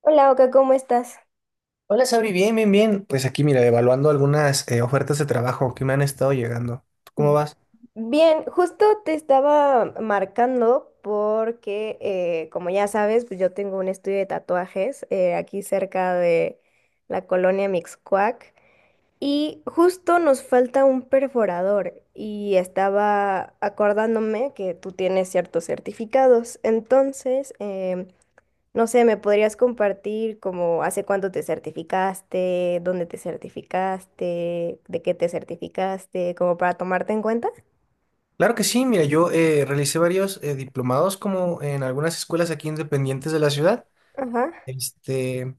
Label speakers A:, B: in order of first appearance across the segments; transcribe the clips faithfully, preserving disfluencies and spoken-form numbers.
A: Hola, Oka, ¿cómo estás?
B: Hola, Sabri, bien, bien, bien. Pues aquí, mira, evaluando algunas eh, ofertas de trabajo que me han estado llegando. ¿Tú ¿Cómo vas?
A: Bien, justo te estaba marcando porque, eh, como ya sabes, pues yo tengo un estudio de tatuajes eh, aquí cerca de la colonia Mixcoac y justo nos falta un perforador y estaba acordándome que tú tienes ciertos certificados, entonces em, no sé, ¿me podrías compartir como hace cuánto te certificaste, dónde te certificaste, de qué te certificaste, como para tomarte en cuenta?
B: Claro que sí, mira, yo eh, realicé varios eh, diplomados como en algunas escuelas aquí independientes de la ciudad.
A: Ajá.
B: Este,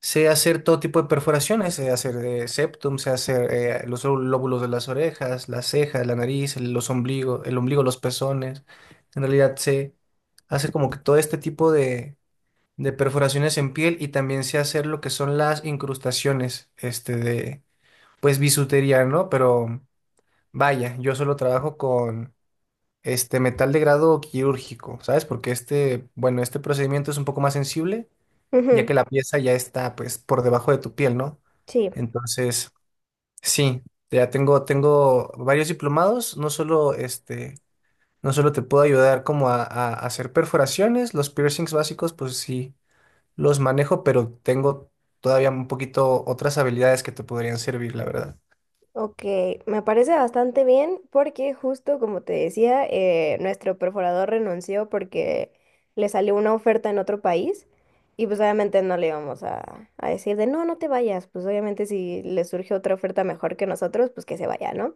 B: sé hacer todo tipo de perforaciones, sé hacer eh, septum, sé hacer eh, los lóbulos de las orejas, las cejas, la nariz, los ombligos, el ombligo, los pezones. En realidad sé hacer como que todo este tipo de de perforaciones en piel y también sé hacer lo que son las incrustaciones, este de, pues bisutería, ¿no? Pero vaya, yo solo trabajo con este metal de grado quirúrgico, ¿sabes? Porque este, bueno, este procedimiento es un poco más sensible, ya que
A: Ujú.
B: la pieza ya está, pues, por debajo de tu piel, ¿no?
A: Sí,
B: Entonces, sí, ya tengo, tengo varios diplomados, no solo este, no solo te puedo ayudar como a, a hacer perforaciones, los piercings básicos, pues sí los manejo, pero tengo todavía un poquito otras habilidades que te podrían servir, la verdad.
A: ok, me parece bastante bien porque justo como te decía, eh, nuestro perforador renunció porque le salió una oferta en otro país y pues obviamente no le íbamos a, a decir de no, no te vayas. Pues obviamente si le surge otra oferta mejor que nosotros, pues que se vaya, ¿no?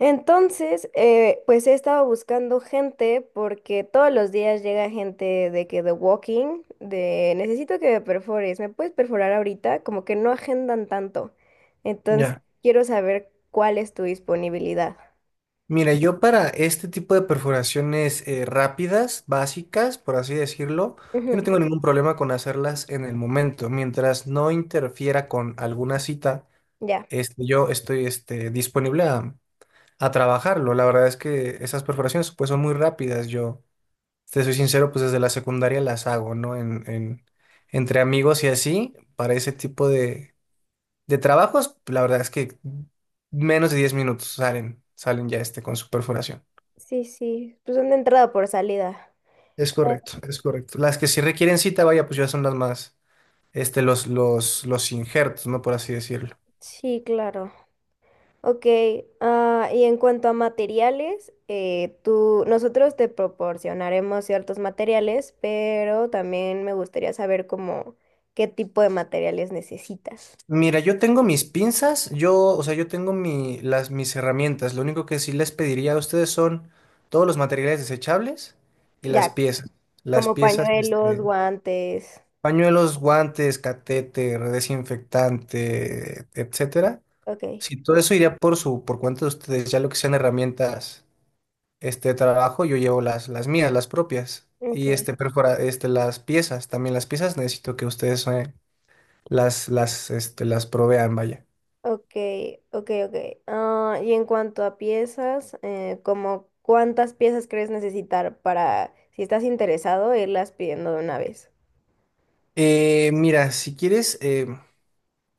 A: Entonces, eh, pues he estado buscando gente porque todos los días llega gente de que The Walking, de necesito que me perfores, ¿me puedes perforar ahorita? Como que no agendan tanto. Entonces,
B: Ya.
A: quiero saber cuál es tu disponibilidad.
B: Mira, yo para este tipo de perforaciones eh, rápidas, básicas, por así decirlo, yo no
A: Ujú.
B: tengo ningún problema con hacerlas en el momento. Mientras no interfiera con alguna cita,
A: Ya.
B: este, yo estoy este, disponible a, a trabajarlo. La verdad es que esas perforaciones pues, son muy rápidas. Yo, te soy sincero, pues desde la secundaria las hago, ¿no? En, en- entre amigos y así, para ese tipo de, De trabajos, la verdad es que menos de diez minutos salen, salen ya este con su perforación.
A: Sí, sí. Pues una entrada por salida.
B: Es correcto, es correcto. Las que sí requieren cita, vaya, pues ya son las más, este, los, los, los injertos, ¿no? Por así decirlo.
A: Sí, claro. Ok, ah, y en cuanto a materiales, eh, tú, nosotros te proporcionaremos ciertos materiales, pero también me gustaría saber cómo qué tipo de materiales necesitas.
B: Mira, yo tengo mis pinzas, yo, o sea, yo tengo mi, las, mis herramientas. Lo único que sí les pediría a ustedes son todos los materiales desechables y las
A: Ya,
B: piezas. Las
A: como
B: piezas,
A: pañuelos,
B: este,
A: guantes.
B: pañuelos, guantes, catéter, desinfectante, etcétera.
A: Ok,
B: Si todo eso iría por su, por cuenta de ustedes, ya lo que sean herramientas este, de trabajo, yo llevo las, las mías, las propias. Y
A: ok,
B: este, perfora, este, las piezas, también las piezas necesito que ustedes eh, las, las, este, las provean, vaya.
A: ok, ok, ok. Ah, y en cuanto a piezas, eh, como cuántas piezas crees necesitar para, si estás interesado, irlas pidiendo de una vez.
B: Eh, mira, si quieres, eh,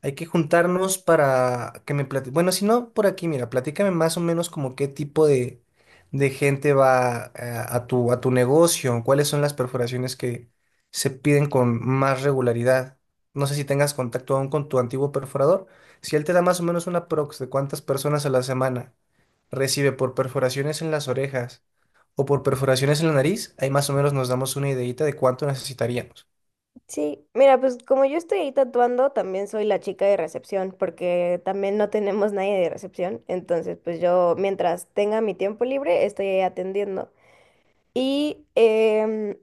B: hay que juntarnos para que me platique. Bueno, si no, por aquí, mira, platícame más o menos como qué tipo de, de gente va eh, a tu, a tu negocio, cuáles son las perforaciones que se piden con más regularidad. No sé si tengas contacto aún con tu antiguo perforador. Si él te da más o menos una prox de cuántas personas a la semana recibe por perforaciones en las orejas o por perforaciones en la nariz, ahí más o menos nos damos una ideita de cuánto necesitaríamos.
A: Sí, mira, pues como yo estoy ahí tatuando, también soy la chica de recepción, porque también no tenemos nadie de recepción. Entonces, pues yo, mientras tenga mi tiempo libre, estoy ahí atendiendo. Y em,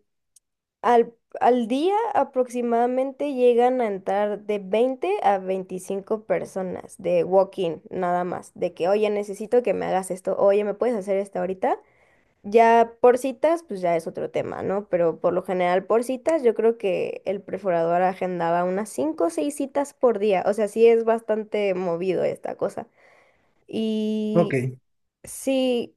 A: al, al día aproximadamente llegan a entrar de veinte a veinticinco personas de walk-in, nada más. De que, oye, necesito que me hagas esto, oye, ¿me puedes hacer esto ahorita? Ya por citas, pues ya es otro tema, ¿no? Pero por lo general por citas, yo creo que el perforador agendaba unas cinco o seis citas por día. O sea, sí es bastante movido esta cosa.
B: Ok,
A: Y sí,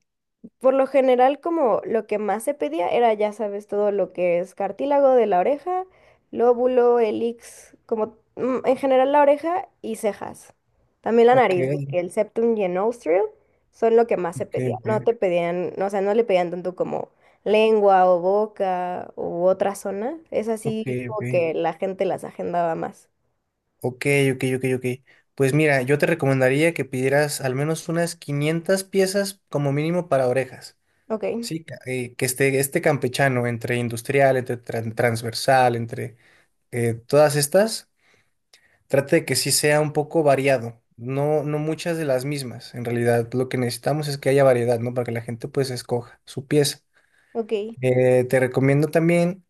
A: por lo general, como lo que más se pedía era, ya sabes, todo lo que es cartílago de la oreja, lóbulo, elix, como mm, en general la oreja y cejas. También la
B: ok,
A: nariz, porque el septum y el nostril son lo que más se
B: ok,
A: pedía.
B: ok,
A: No te pedían, no, o sea, no le pedían tanto como lengua o boca u otra zona. Es
B: ok,
A: así como
B: ok.
A: que la gente las agendaba más.
B: Ok, ok, ok, ok. Pues mira, yo te recomendaría que pidieras al menos unas quinientas piezas como mínimo para orejas.
A: Ok,
B: Sí, ca- eh, que esté este campechano entre industrial, entre tran- transversal, entre eh, todas estas, trate de que sí sea un poco variado. No, no muchas de las mismas. En realidad, lo que necesitamos es que haya variedad, ¿no? Para que la gente pues escoja su pieza.
A: ok,
B: Eh, te recomiendo también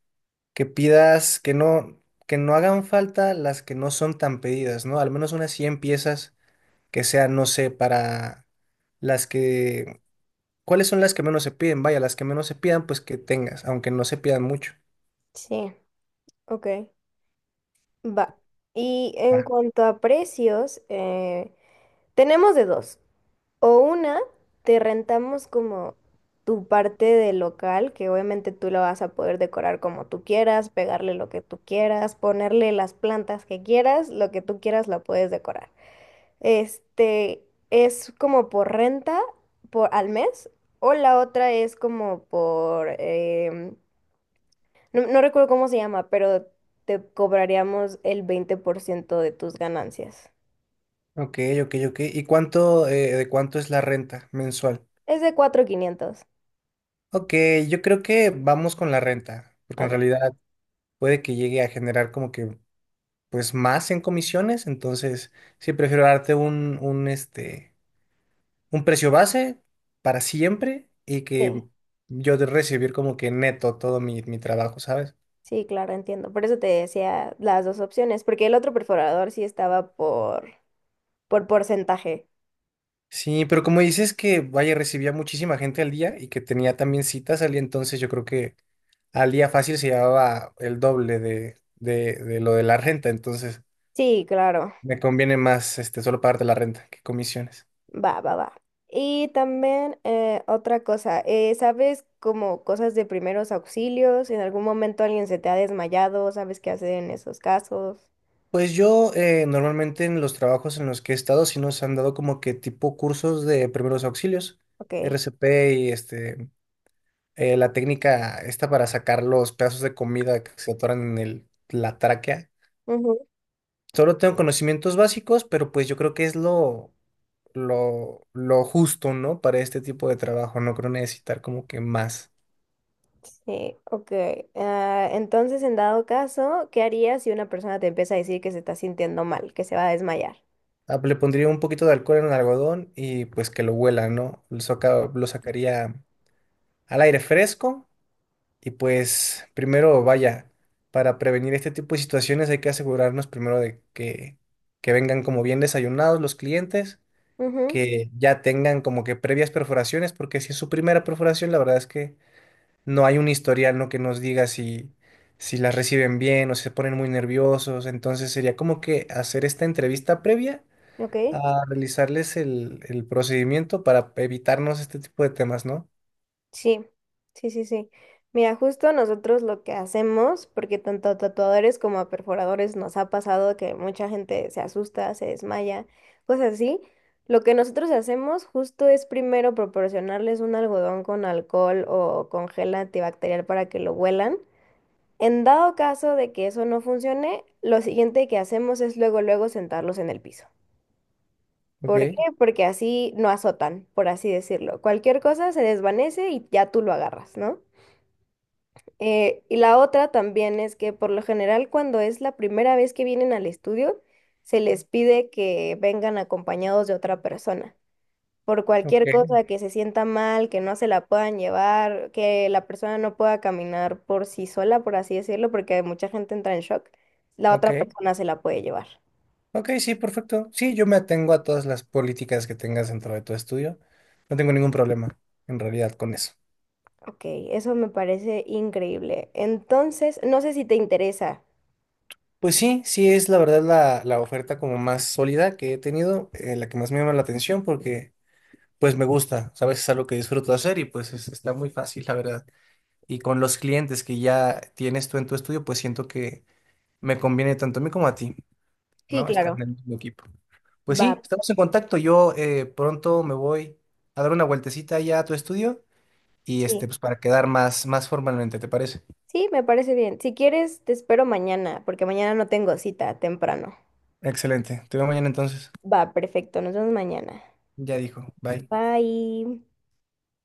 B: que pidas que no, que no hagan falta las que no son tan pedidas, ¿no? Al menos unas cien piezas que sea, no sé, para las que, ¿cuáles son las que menos se piden? Vaya, las que menos se pidan, pues que tengas, aunque no se pidan mucho.
A: sí, ok. Va. Y en
B: Va.
A: cuanto a precios, eh, tenemos de dos. O una, te rentamos como tu parte del local, que obviamente tú lo vas a poder decorar como tú quieras, pegarle lo que tú quieras, ponerle las plantas que quieras, lo que tú quieras lo puedes decorar. Este es como por renta por al mes, o la otra es como por em, no, no recuerdo cómo se llama, pero te cobraríamos el veinte por ciento de tus ganancias.
B: Ok, ok, ok. ¿Y cuánto, eh, de cuánto es la renta mensual?
A: Es de cuatro mil quinientos.
B: Ok, yo creo que vamos con la renta, porque en
A: Ok.
B: realidad puede que llegue a generar como que, pues, más en comisiones, entonces sí prefiero darte un, un, este, un precio base para siempre y
A: Sí.
B: que yo de recibir como que neto todo mi, mi trabajo, ¿sabes?
A: Sí, claro, entiendo. Por eso te decía las dos opciones, porque el otro perforador sí estaba por, por porcentaje.
B: Sí, pero como dices que, vaya, recibía muchísima gente al día y que tenía también citas al día, entonces yo creo que al día fácil se llevaba el doble de, de, de lo de la renta, entonces
A: Sí, claro.
B: me conviene más este, solo pagarte la renta que comisiones.
A: Va, va, va. Y también eh, otra cosa, eh, ¿sabes como cosas de primeros auxilios? ¿En algún momento alguien se te ha desmayado? ¿Sabes qué hacer en esos casos?
B: Pues yo eh, normalmente en los trabajos en los que he estado sí nos han dado como que tipo cursos de primeros auxilios,
A: Ok.
B: R C P y este, eh, la técnica esta para sacar los pedazos de comida que se atoran en el, la tráquea.
A: Ujú.
B: Solo tengo conocimientos básicos, pero pues yo creo que es lo, lo, lo justo, ¿no? Para este tipo de trabajo. No creo necesitar como que más.
A: Sí, ok. Ah, entonces, en dado caso, ¿qué harías si una persona te empieza a decir que se está sintiendo mal, que se va a desmayar?
B: Ah, pues, le pondría un poquito de alcohol en el algodón y pues que lo huela, ¿no? Lo saca- lo sacaría al aire fresco y pues primero, vaya, para prevenir este tipo de situaciones hay que asegurarnos primero de que, que vengan como bien desayunados los clientes,
A: Ujú.
B: que ya tengan como que previas perforaciones, porque si es su primera perforación, la verdad es que no hay un historial, ¿no? que nos diga si, si las reciben bien o si se ponen muy nerviosos. Entonces sería como que hacer esta entrevista previa
A: Ok.
B: a realizarles el, el procedimiento para evitarnos este tipo de temas, ¿no?
A: Sí, sí, sí, sí. Mira, justo nosotros lo que hacemos, porque tanto a tatuadores como a perforadores nos ha pasado que mucha gente se asusta, se desmaya, cosas así. Lo que nosotros hacemos justo es primero proporcionarles un algodón con alcohol o con gel antibacterial para que lo huelan. En dado caso de que eso no funcione, lo siguiente que hacemos es luego, luego sentarlos en el piso.
B: Ok,
A: ¿Por qué? Porque así no azotan, por así decirlo. Cualquier cosa se desvanece y ya tú lo agarras, ¿no? Eh, y la otra también es que por lo general cuando es la primera vez que vienen al estudio, se les pide que vengan acompañados de otra persona. Por cualquier
B: ok,
A: cosa que se sienta mal, que no se la puedan llevar, que la persona no pueda caminar por sí sola, por así decirlo, porque mucha gente entra en shock, la
B: ok.
A: otra persona se la puede llevar.
B: Ok, sí, perfecto. Sí, yo me atengo a todas las políticas que tengas dentro de tu estudio. No tengo ningún problema en realidad con eso.
A: Ok, eso me parece increíble. Entonces, no sé si te interesa.
B: Pues sí, sí es la verdad la, la oferta como más sólida que he tenido, eh, la que más me llama la atención porque... pues me gusta, ¿sabes? Es algo que disfruto hacer y pues es- está muy fácil, la verdad. Y con los clientes que ya tienes tú en tu estudio, pues siento que me conviene tanto a mí como a ti,
A: Sí,
B: ¿no? Estar en
A: claro.
B: el mismo equipo. Pues
A: Va,
B: sí, estamos en contacto. Yo eh, pronto me voy a dar una vueltecita ya a tu estudio y este,
A: sí.
B: pues para quedar más, más formalmente, ¿te parece?
A: Sí, me parece bien. Si quieres, te espero mañana, porque mañana no tengo cita temprano.
B: Excelente. Te veo mañana entonces.
A: Va, perfecto, nos vemos mañana.
B: Ya dijo. Bye.
A: Bye.